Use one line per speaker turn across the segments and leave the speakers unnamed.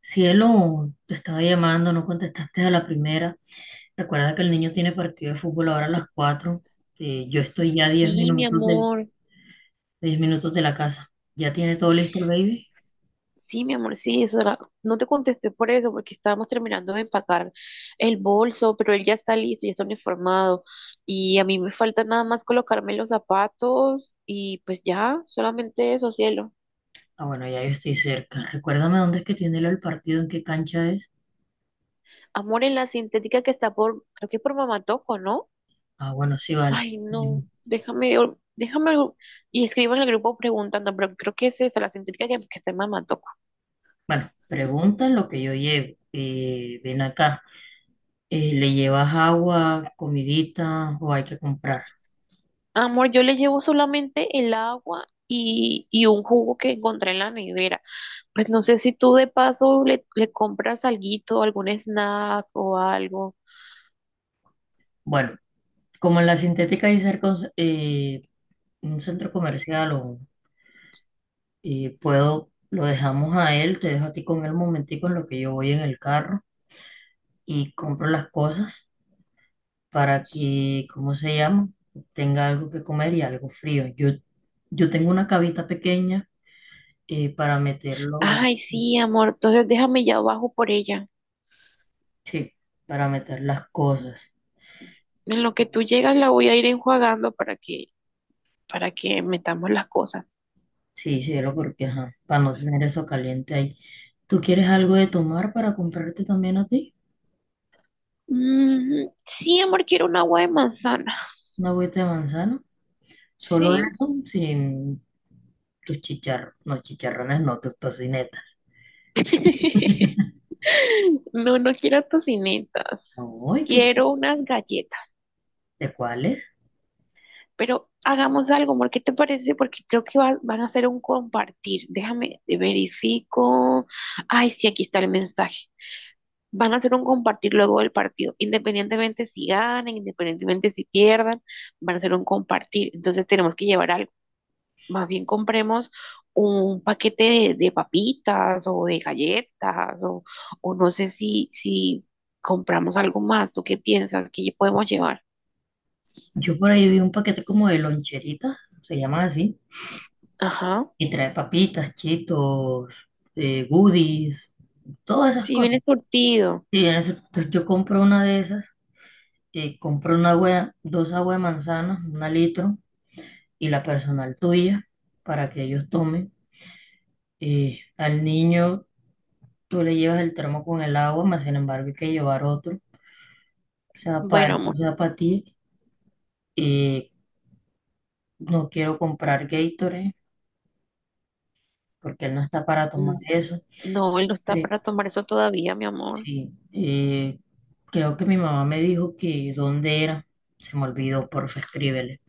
Cielo, te estaba llamando, no contestaste a la primera. Recuerda que el niño tiene partido de fútbol ahora a las 4. Yo estoy ya a 10
Sí, mi
minutos de,
amor,
10 minutos de la casa. ¿Ya tiene todo listo el baby?
sí, mi amor, sí, no te contesté por eso, porque estábamos terminando de empacar el bolso, pero él ya está listo, ya está uniformado, y a mí me falta nada más colocarme los zapatos, y pues ya, solamente eso, cielo.
Ah, bueno, ya yo estoy cerca. Recuérdame dónde es que tiene el partido, en qué cancha es.
Amor, en la sintética que está por, creo que por Mamá Toco, ¿no?
Ah, bueno, sí, vale.
Ay, no, déjame, y escriban en el grupo preguntando, pero creo que es esa, la sintética que está en Mamá Toco.
Bueno, pregunta lo que yo llevo. Ven acá. ¿Le llevas agua, comidita o hay que comprar?
Amor, yo le llevo solamente el agua y un jugo que encontré en la nevera. Pues no sé si tú de paso le compras alguito, algún snack o algo.
Bueno, como en la sintética hay cerca un centro comercial, o y puedo, lo dejamos a él, te dejo a ti con él un momentico en lo que yo voy en el carro y compro las cosas para que, ¿cómo se llama? Tenga algo que comer y algo frío. Yo tengo una cavita pequeña para meterlo,
Ay, sí, amor, entonces déjame ya abajo por ella.
sí, para meter las cosas.
En lo que tú llegas la voy a ir enjuagando para que metamos las cosas.
Sí, cielo, porque ajá, para no tener eso caliente ahí. ¿Tú quieres algo de tomar para comprarte también a ti?
Sí, amor, quiero un agua de manzana.
¿Una agüita de manzana? Solo
Sí.
eso, sin tus chicharrones, no, tus tocinetas.
No, no quiero tocinetas.
Ay, ¿qué,
Quiero unas galletas.
de cuáles?
Pero hagamos algo, amor, ¿qué te parece? Porque creo que van a hacer un compartir. Déjame, te verifico. Ay, sí, aquí está el mensaje. Van a hacer un compartir luego del partido, independientemente si ganen, independientemente si pierdan, van a hacer un compartir. Entonces tenemos que llevar algo. Más bien compremos un paquete de papitas o de galletas o no sé si compramos algo más. ¿Tú qué piensas? ¿Qué podemos llevar?
Yo por ahí vi un paquete como de loncheritas, se llaman así,
Ajá.
y trae papitas, chitos, goodies, todas esas
Sí,
cosas.
viene surtido.
Sí, en eso, entonces yo compro una de esas, compro una agua, dos aguas de manzana, una litro, y la personal tuya, para que ellos tomen. Al niño tú le llevas el termo con el agua, más sin embargo hay que llevar otro, sea para
Bueno,
él, o
amor.
sea para ti. Eh, no quiero comprar Gatorade porque él no está para tomar
Mm.
eso.
No, él no está
Pero
para tomar eso todavía, mi amor.
sí, creo que mi mamá me dijo que dónde era, se me olvidó, porfa, escríbele,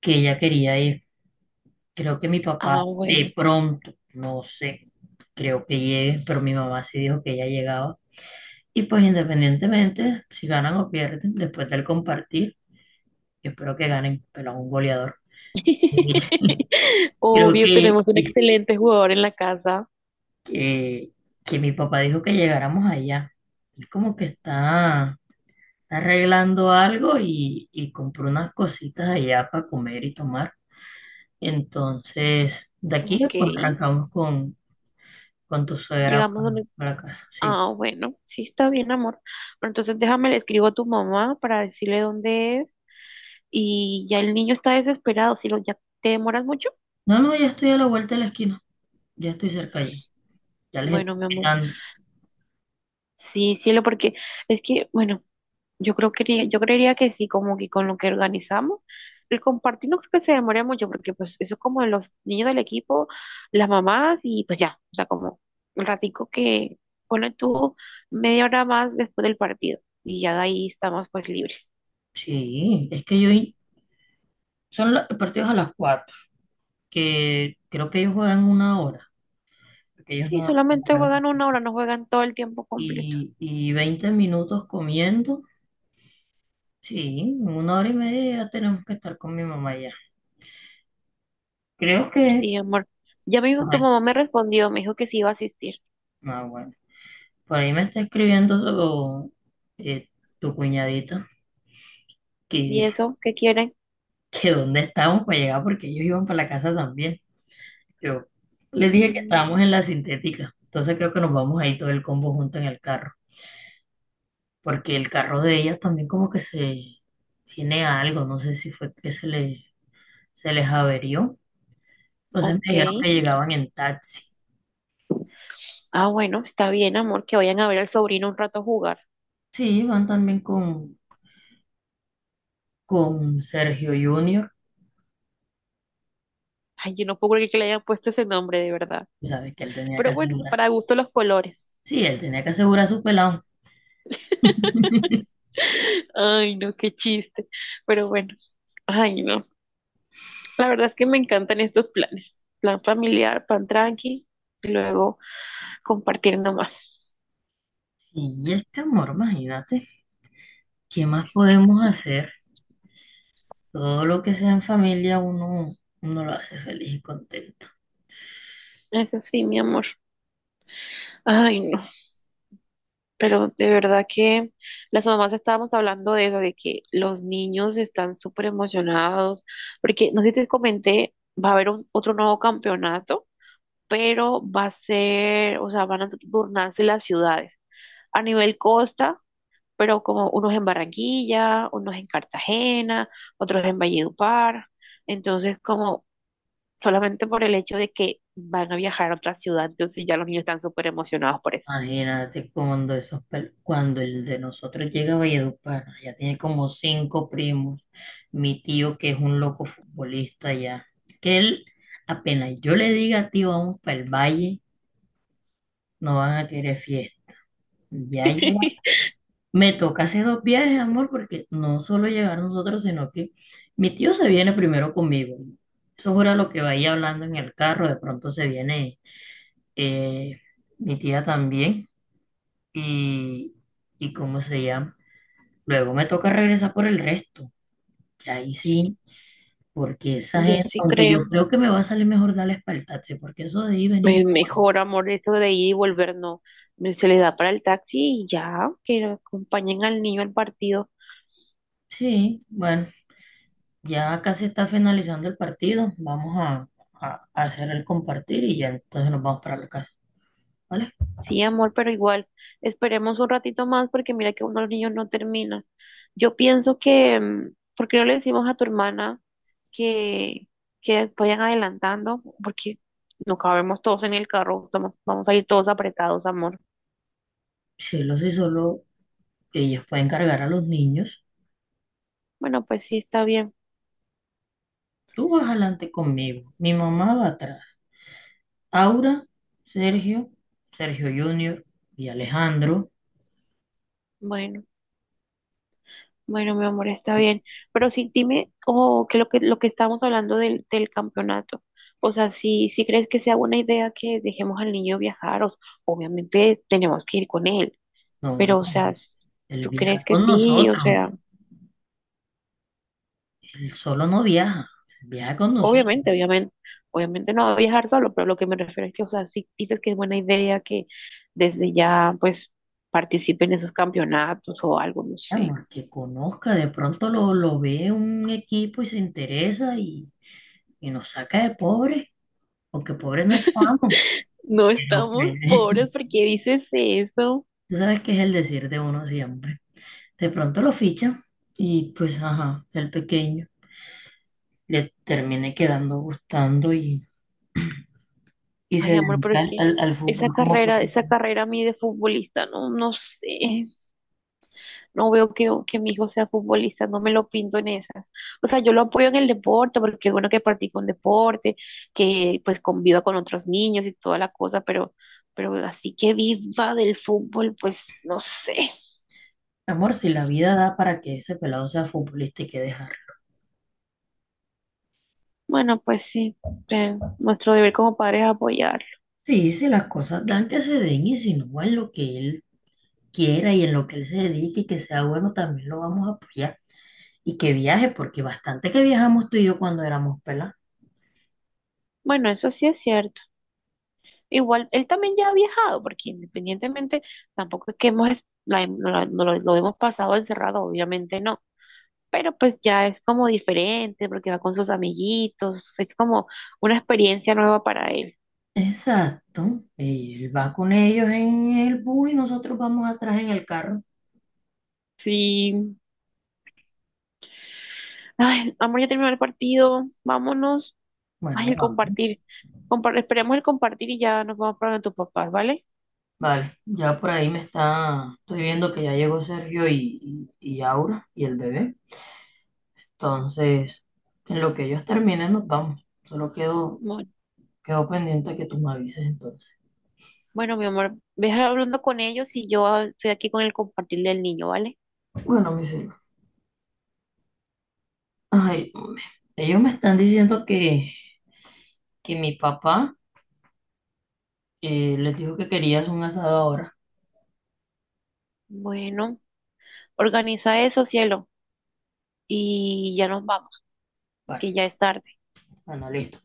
que ella quería ir. Creo que mi papá
Ah, bueno.
de pronto, no sé, creo que llegue, pero mi mamá sí dijo que ella llegaba. Y pues independientemente, si ganan o pierden, después del compartir, yo espero que ganen, pero a un goleador. Creo
Obvio,
que,
tenemos un excelente jugador en la casa.
que, que mi papá dijo que llegáramos allá. Él como que está arreglando algo y compró unas cositas allá para comer y tomar. Entonces, de aquí
Ok,
pues arrancamos con tu suegra
llegamos
para,
donde...
la casa. Sí.
Ah, bueno, sí está bien, amor. Pero entonces déjame, le escribo a tu mamá para decirle dónde es. Y ya el niño está desesperado. Si lo, ya te demoras mucho.
No, no, ya estoy a la vuelta de la esquina. Ya estoy cerca ya. Ya les estoy
Bueno, mi amor.
quitando.
Sí, cielo, porque es que, bueno. Yo creo que yo creería que sí, como que con lo que organizamos. El compartir no creo que se demore mucho, porque pues eso es como los niños del equipo, las mamás y pues ya, o sea, como un ratico que pone tú media hora más después del partido y ya de ahí estamos pues libres.
Sí, es que son los partidos a las 4 que creo que ellos juegan una hora, porque ellos no
Sí,
no
solamente
juegan.
juegan una hora, no juegan todo el tiempo completo.
Y 20 minutos comiendo. Sí, en una hora y media ya tenemos que estar con mi mamá ya. Creo que.
Sí, amor. Ya mismo tu mamá me respondió, me dijo que sí iba a asistir.
Ah, bueno. Por ahí me está escribiendo eh, tu cuñadita
¿Y
que,
eso? ¿Qué quieren?
que dónde estábamos para llegar porque ellos iban para la casa también. Yo les dije que
Mm,
estábamos en la sintética, entonces creo que nos vamos ahí todo el combo junto en el carro, porque el carro de ellas también como que se tiene algo, no sé si fue que se les averió. Entonces me
ok.
dijeron que llegaban en taxi.
Ah, bueno, está bien, amor, que vayan a ver al sobrino un rato jugar.
Sí, van también con Sergio Junior,
Ay, yo no puedo creer que le hayan puesto ese nombre, de verdad.
sabes que él tenía que
Pero bueno,
asegurar.
para gusto los colores.
Sí, él tenía que asegurar a su pelado.
Ay, no, qué chiste. Pero bueno, ay, no. La verdad es que me encantan estos planes. Plan familiar, plan tranqui, y luego compartir nomás.
Y este amor, imagínate, ¿qué más podemos hacer? Todo lo que sea en familia, uno lo hace feliz y contento.
Eso sí, mi amor. Ay, no. Pero de verdad que las mamás estábamos hablando de eso, de que los niños están súper emocionados, porque no sé si te comenté, va a haber otro nuevo campeonato pero va a ser, o sea, van a turnarse las ciudades a nivel costa, pero como unos en Barranquilla, unos en Cartagena, otros en Valledupar. Entonces, como solamente por el hecho de que van a viajar a otra ciudad, entonces ya los niños están súper emocionados por eso.
Imagínate cuando cuando el de nosotros llega a Valledupar, ya tiene como cinco primos, mi tío que es un loco futbolista ya, que él, apenas yo le diga tío, vamos para el valle, no van a querer fiesta. Ya. Me toca hacer dos viajes, amor, porque no solo llegar nosotros, sino que mi tío se viene primero conmigo. Eso era lo que vaya hablando en el carro. De pronto se viene eh, mi tía también. Y, y cómo se llama. Luego me toca regresar por el resto. Y ahí sí, porque esa
Yo
gente,
sí
aunque yo
creo.
creo que me va a salir mejor darle espalda al taxi, porque eso de ahí venir.
Mejor, amor, eso de ir y volver, no. Se les da para el taxi y ya, que acompañen al niño al partido.
Sí, bueno, ya casi está finalizando el partido. Vamos a, a hacer el compartir y ya entonces nos vamos para la casa. ¿Vale?
Sí, amor, pero igual, esperemos un ratito más porque mira que uno de los niños no termina. Yo pienso que, mm, ¿por qué no le decimos a tu hermana que, que vayan adelantando? Porque no cabemos todos en el carro, vamos a ir todos apretados, amor.
Cielo, si él hace solo, ellos pueden cargar a los niños.
Bueno, pues sí, está bien.
Tú vas adelante conmigo, mi mamá va atrás. Aura, Sergio, Sergio Junior y Alejandro.
Bueno. Bueno, mi amor, está
Y.
bien. Pero sí, dime, o que lo que estábamos hablando del campeonato. O sea, si crees que sea buena idea que dejemos al niño viajar, obviamente tenemos que ir con él.
No,
Pero, o sea,
él
¿tú crees
viaja
que
con
sí?
nosotros,
O sea,
él solo no viaja, él viaja con nosotros.
obviamente, obviamente, obviamente no va a viajar solo, pero lo que me refiero es que, o sea, si dices que es buena idea que desde ya, pues, participen en esos campeonatos o algo, no sé.
Vamos, que conozca, de pronto lo ve un equipo y se interesa y nos saca de pobres, porque pobres no estamos.
No
Pero,
estamos
pues,
pobres porque dices eso.
tú sabes que es el decir de uno siempre. De pronto lo ficha y pues, ajá, el pequeño le termine quedando gustando y se
Ay, amor, pero
dedica
es
al,
que
al- al fútbol como
esa
profesional.
carrera a mí de futbolista, no, no sé, no veo que mi hijo sea futbolista, no me lo pinto en esas. O sea, yo lo apoyo en el deporte, porque es bueno que practique un deporte, que pues conviva con otros niños y toda la cosa, pero así que viva del fútbol, pues no sé.
Amor, si la vida da para que ese pelado sea futbolista, hay que dejarlo.
Bueno, pues sí, nuestro deber como padres es apoyarlo.
Sí, si las cosas dan que se den y si no, en lo que él quiera y en lo que él se dedique y que sea bueno, también lo vamos a apoyar. Y que viaje, porque bastante que viajamos tú y yo cuando éramos pelados.
Bueno, eso sí es cierto. Igual, él también ya ha viajado, porque independientemente, tampoco es que hemos, no lo hemos pasado encerrado, obviamente no, pero pues ya es como diferente, porque va con sus amiguitos, es como una experiencia nueva para él.
Exacto. Él va con ellos en el bus y nosotros vamos atrás en el carro.
Sí, ay, amor, ya terminó el partido, vámonos, ay,
Bueno.
el compartir, esperemos el compartir y ya nos vamos para donde tus papás, ¿vale?
Vale, ya por ahí estoy viendo que ya llegó Sergio y Aura y el bebé. Entonces, en lo que ellos terminen nos vamos. Solo quedo,
Bueno,
quedo pendiente a que tú me avises entonces.
bueno, mi amor, ve hablando con ellos y yo ah, estoy aquí con el compartir del niño, ¿vale?
Bueno, mi cielo. Ay, hombre. Ellos me están diciendo que mi papá les dijo que querías un asado ahora.
Bueno, organiza eso, cielo. Y ya nos vamos,
Vale,
que ya es tarde.
bueno, listo.